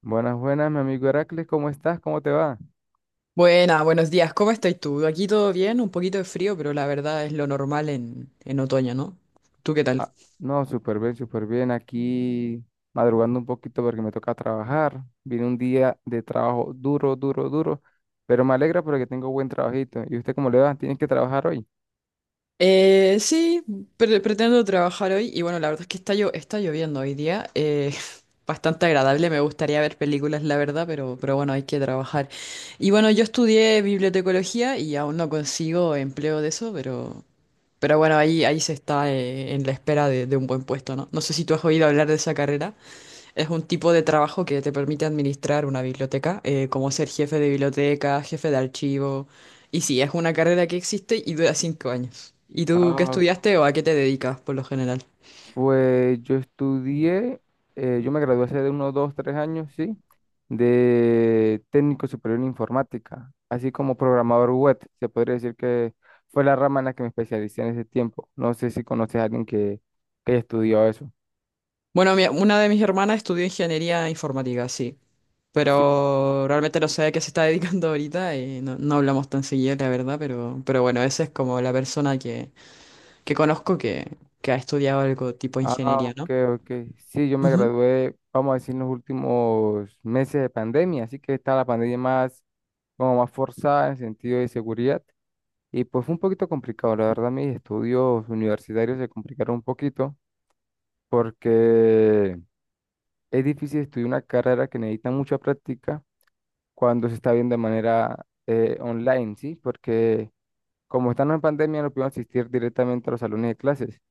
Buenas, buenas, mi amigo Heracles, ¿cómo estás? ¿Cómo te va? Buenas, buenos días. ¿Cómo estás tú? Aquí todo bien, un poquito de frío, pero la verdad es lo normal en otoño, ¿no? ¿Tú qué tal? Ah, no, súper bien, súper bien. Aquí madrugando un poquito porque me toca trabajar. Vine un día de trabajo duro, duro, duro, pero me alegra porque tengo buen trabajito. ¿Y usted cómo le va? ¿Tienes que trabajar hoy? Eh, sí, pretendo trabajar hoy y bueno, la verdad es que está lloviendo hoy día. Bastante agradable, me gustaría ver películas, la verdad, pero bueno, hay que trabajar. Y bueno, yo estudié bibliotecología y aún no consigo empleo de eso, pero bueno, ahí se está en la espera de un buen puesto, ¿no? No sé si tú has oído hablar de esa carrera. Es un tipo de trabajo que te permite administrar una biblioteca, como ser jefe de biblioteca, jefe de archivo. Y sí, es una carrera que existe y dura 5 años. ¿Y tú qué Ah, estudiaste o a qué te dedicas por lo general? Pues yo me gradué hace de unos dos, tres años, sí, de técnico superior en informática, así como programador web. Se podría decir que fue la rama en la que me especialicé en ese tiempo. No sé si conoces a alguien que estudió eso. Bueno, una de mis hermanas estudió ingeniería informática, sí. Sí. Pero realmente no sé a qué se está dedicando ahorita y no hablamos tan seguido, la verdad. Pero bueno, esa es como la persona que conozco que ha estudiado algo tipo Ah, ingeniería, ok, ¿no? ok. Sí, yo me Ujú. gradué, vamos a decir, en los últimos meses de pandemia, así que está la pandemia más, como más forzada en sentido de seguridad. Y pues fue un poquito complicado, la verdad mis estudios universitarios se complicaron un poquito porque es difícil estudiar una carrera que necesita mucha práctica cuando se está viendo de manera online, ¿sí? Porque como estamos en pandemia no pudimos asistir directamente a los salones de clases,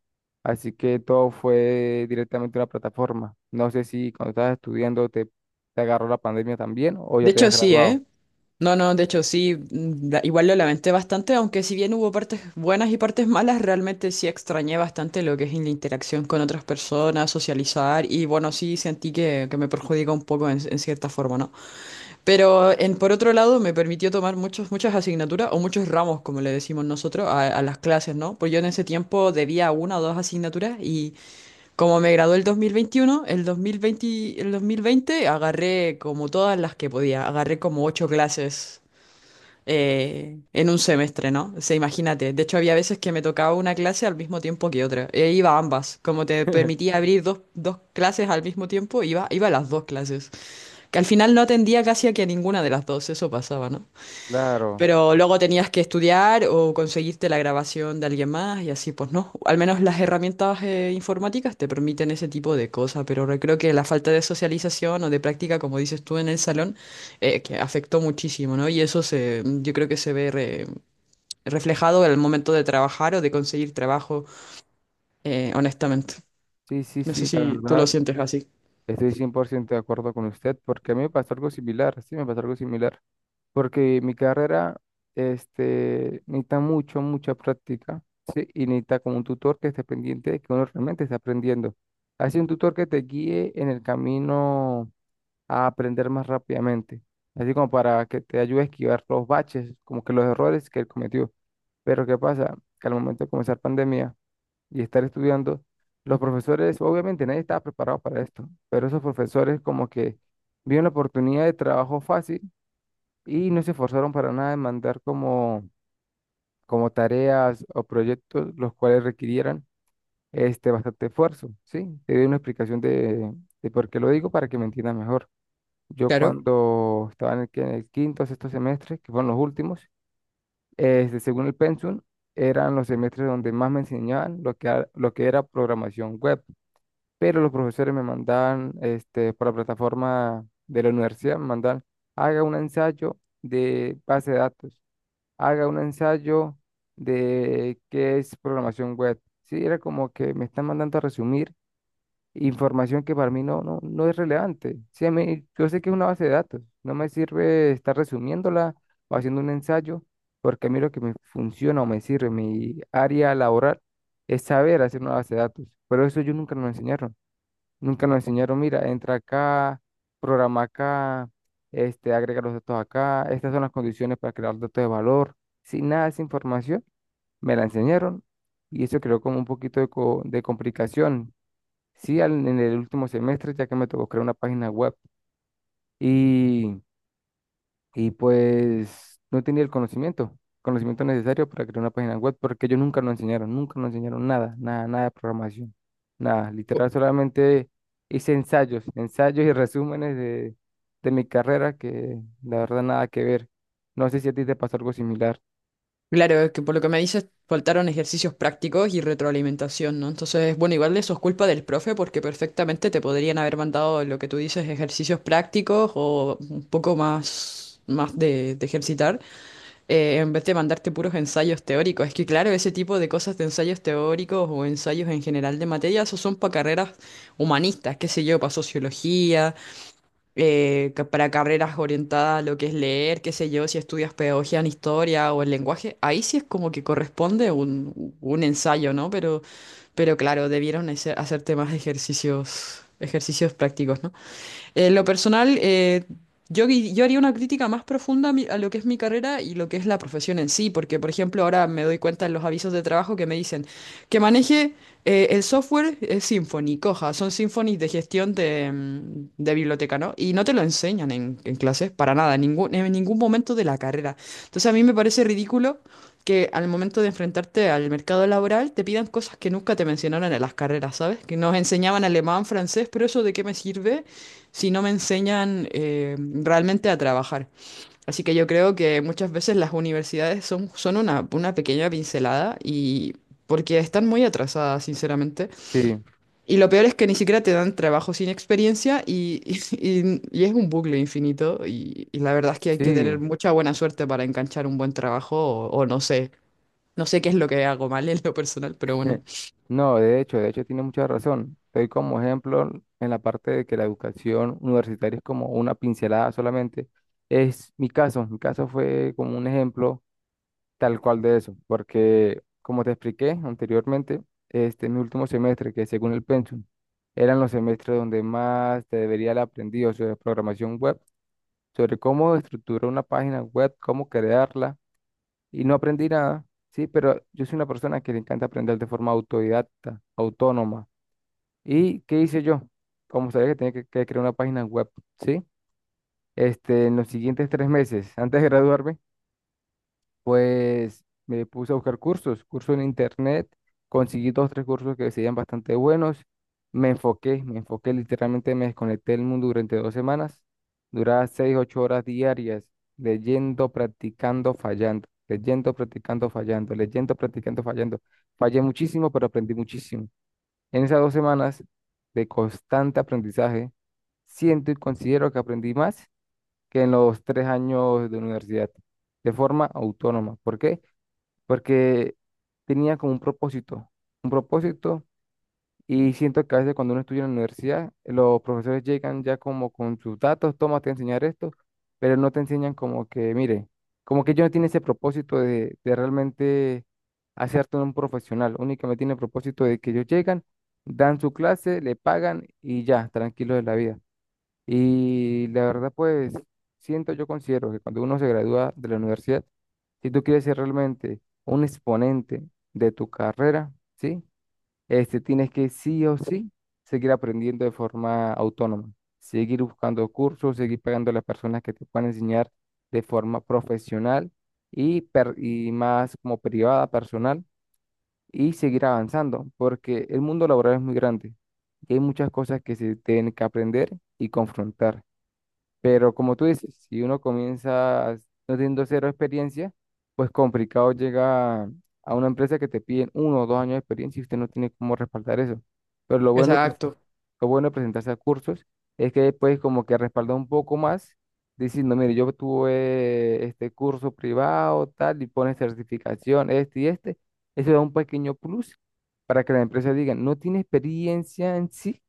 así que todo fue directamente a una plataforma. No sé si cuando estabas estudiando te agarró la pandemia también o ya De te hecho, has sí, ¿eh? graduado. No, no, De hecho sí, igual lo lamenté bastante, aunque si bien hubo partes buenas y partes malas, realmente sí extrañé bastante lo que es la interacción con otras personas, socializar y bueno, sí sentí que me perjudica un poco en cierta forma, ¿no? Pero por otro lado me permitió tomar muchas asignaturas o muchos ramos, como le decimos nosotros, a las clases, ¿no? Pues yo en ese tiempo debía una o dos asignaturas y como me gradué el 2021, el 2020 agarré como todas las que podía, agarré como 8 clases en un semestre, ¿no? O sea, imagínate. De hecho, había veces que me tocaba una clase al mismo tiempo que otra. E iba a ambas. Como te permitía abrir dos clases al mismo tiempo, iba a las dos clases. Que al final no atendía casi a que ninguna de las dos. Eso pasaba, ¿no? Claro, Pero luego tenías que estudiar o conseguirte la grabación de alguien más y así, pues no. Al menos las herramientas informáticas te permiten ese tipo de cosas, pero creo que la falta de socialización o de práctica, como dices tú en el salón, que afectó muchísimo, ¿no? Y yo creo que se ve reflejado en el momento de trabajar o de conseguir trabajo, honestamente. sí, sí, No sé sí, la si tú lo verdad. sientes así. Estoy 100% de acuerdo con usted porque a mí me pasó algo similar, sí, me pasó algo similar, porque mi carrera necesita mucha práctica, sí, y necesita como un tutor que esté pendiente de que uno realmente esté aprendiendo. Así un tutor que te guíe en el camino a aprender más rápidamente, así como para que te ayude a esquivar los baches, como que los errores que él cometió. Pero ¿qué pasa? Que al momento de comenzar pandemia y estar estudiando, los profesores, obviamente nadie estaba preparado para esto, pero esos profesores como que vieron la oportunidad de trabajo fácil y no se esforzaron para nada en mandar como tareas o proyectos los cuales requirieran bastante esfuerzo, ¿sí? Te doy una explicación de por qué lo digo para que me entiendas mejor. Yo Claro. cuando estaba en el quinto, sexto semestre, que fueron los últimos, según el pensum, eran los semestres donde más me enseñaban lo que era programación web, pero los profesores me mandaban, por la plataforma de la universidad, me mandaban, haga un ensayo de base de datos, haga un ensayo de qué es programación web. Sí, era como que me están mandando a resumir información que para mí no, no, no es relevante. Sí, a mí, yo sé que es una base de datos, no me sirve estar resumiéndola o haciendo un ensayo, porque a mí lo que me funciona o me sirve, mi área laboral, es saber hacer una base de datos, pero eso yo nunca me lo enseñaron. Nunca nos enseñaron, mira, entra acá, programa acá, agrega los datos acá, estas son las condiciones para crear datos de valor. Sin nada de esa información, me la enseñaron y eso creó como un poquito de complicación. Sí, en el último semestre, ya que me tocó crear una página web y pues no tenía el conocimiento necesario para crear una página web, porque ellos nunca nos enseñaron, nunca nos enseñaron nada, nada, nada de programación, nada, literal solamente hice ensayos, ensayos y resúmenes de mi carrera que la verdad nada que ver. No sé si a ti te pasó algo similar. Claro, es que por lo que me dices, faltaron ejercicios prácticos y retroalimentación, ¿no? Entonces, bueno, igual eso es culpa del profe porque perfectamente te podrían haber mandado lo que tú dices, ejercicios prácticos o un poco más, más de ejercitar, en vez de mandarte puros ensayos teóricos. Es que, claro, ese tipo de cosas de ensayos teóricos o ensayos en general de materia, esos son para carreras humanistas, qué sé yo, para sociología para carreras orientadas a lo que es leer, qué sé yo, si estudias pedagogía en historia o el lenguaje, ahí sí es como que corresponde un ensayo, ¿no? Pero claro, debieron hacer temas de ejercicios, ejercicios prácticos, ¿no? En lo personal, yo haría una crítica más profunda a, a lo que es mi carrera y lo que es la profesión en sí, porque por ejemplo ahora me doy cuenta en los avisos de trabajo que me dicen que maneje el software es Symfony, coja, son Symfony de gestión de biblioteca, ¿no? Y no te lo enseñan en clases para nada, en ningún momento de la carrera. Entonces a mí me parece ridículo que al momento de enfrentarte al mercado laboral te pidan cosas que nunca te mencionaron en las carreras, ¿sabes? Que nos enseñaban alemán, francés, pero eso ¿de qué me sirve? Si no me enseñan realmente a trabajar. Así que yo creo que muchas veces las universidades son una pequeña pincelada y porque están muy atrasadas, sinceramente. Sí, Y lo peor es que ni siquiera te dan trabajo sin experiencia y es un bucle infinito y la verdad es que hay que tener sí. mucha buena suerte para enganchar un buen trabajo o no sé, no sé qué es lo que hago mal en lo personal, pero bueno, No, de hecho tiene mucha razón. Estoy como ejemplo en la parte de que la educación universitaria es como una pincelada solamente. Mi caso fue como un ejemplo tal cual de eso, porque como te expliqué anteriormente, mi último semestre, que según el pensum, eran los semestres donde más te debería haber aprendido sobre programación web, sobre cómo estructurar una página web, cómo crearla y no aprendí nada, ¿sí? Pero yo soy una persona que le encanta aprender de forma autodidacta, autónoma. ¿Y qué hice yo? Como sabía que tenía que crear una página web, ¿sí? En los siguientes 3 meses, antes de graduarme, pues me puse a buscar cursos, cursos en internet, conseguí dos, tres cursos que serían bastante buenos, me enfoqué, literalmente me desconecté del mundo durante 2 semanas, duraba seis, ocho horas diarias, leyendo, practicando, fallando, leyendo, practicando, fallando, leyendo, practicando, fallando. Fallé muchísimo, pero aprendí muchísimo. En esas 2 semanas de constante aprendizaje, siento y considero que aprendí más que en los 3 años de universidad, de forma autónoma. ¿Por qué? Porque tenía como un propósito, y siento que a veces cuando uno estudia en la universidad, los profesores llegan ya como con sus datos, toma, te voy a enseñar esto, pero no te enseñan como que, mire, como que ellos no tienen ese propósito de realmente hacerte un profesional, únicamente tienen el propósito de que ellos llegan, dan su clase, le pagan y ya, tranquilos de la vida. Y la verdad, pues, yo considero que cuando uno se gradúa de la universidad, si tú quieres ser realmente un exponente de tu carrera, ¿sí? Tienes que sí o sí seguir aprendiendo de forma autónoma, seguir buscando cursos, seguir pagando a las personas que te puedan enseñar de forma profesional y más como privada, personal, y seguir avanzando, porque el mundo laboral es muy grande y hay muchas cosas que se tienen que aprender y confrontar. Pero como tú dices, si uno comienza no teniendo cero experiencia, pues complicado llega a una empresa que te piden 1 o 2 años de experiencia y usted no tiene cómo respaldar eso. Pero exacto. lo bueno de presentarse a cursos es que después como que respalda un poco más diciendo, mire, yo tuve este curso privado, tal, y pone certificación, este y este. Eso da un pequeño plus para que la empresa diga, no tiene experiencia en sí,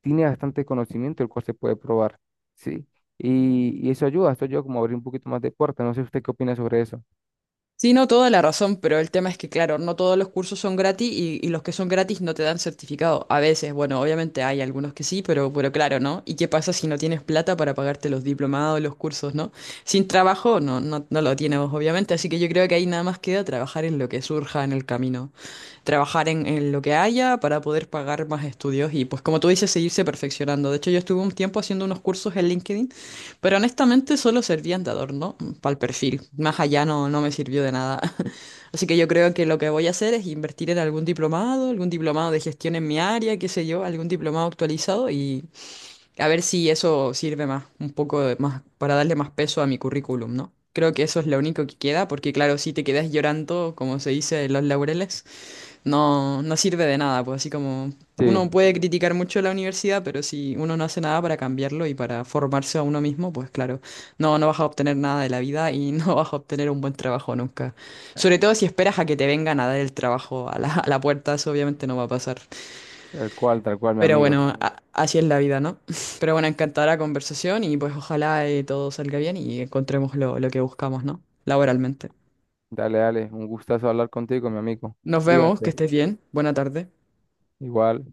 tiene bastante conocimiento el cual se puede probar, ¿sí? Y eso ayuda, esto ayuda como a abrir un poquito más de puertas. No sé usted qué opina sobre eso. Sí, no, toda la razón, pero el tema es que, claro, no todos los cursos son gratis y los que son gratis no te dan certificado. A veces, bueno, obviamente hay algunos que sí, pero claro, ¿no? ¿Y qué pasa si no tienes plata para pagarte los diplomados, los cursos, ¿no? Sin trabajo, no lo tienes, obviamente, así que yo creo que ahí nada más queda trabajar en lo que surja en el camino, trabajar en lo que haya para poder pagar más estudios y, pues, como tú dices, seguirse perfeccionando. De hecho, yo estuve un tiempo haciendo unos cursos en LinkedIn. Pero honestamente solo servían de adorno para el perfil. Más allá no me sirvió de nada. Así que yo creo que lo que voy a hacer es invertir en algún diplomado de gestión en mi área, qué sé yo, algún diplomado actualizado y a ver si eso sirve más, un poco más para darle más peso a mi currículum, ¿no? Creo que eso es lo único que queda, porque claro, si te quedas llorando, como se dice, en los laureles, no sirve de nada, pues así como Sí, uno puede criticar mucho la universidad, pero si uno no hace nada para cambiarlo y para formarse a uno mismo, pues claro, no vas a obtener nada de la vida y no vas a obtener un buen trabajo nunca. Sobre todo si esperas a que te vengan a dar el trabajo a a la puerta, eso obviamente no va a pasar. Tal cual, mi Pero amigo. bueno, así es la vida, ¿no? Pero bueno, encantadora conversación y pues ojalá todo salga bien y encontremos lo que buscamos, ¿no? Laboralmente. Dale, dale, un gustazo hablar contigo, mi amigo. Nos vemos, que Cuídate, estés bien. Buena tarde. igual.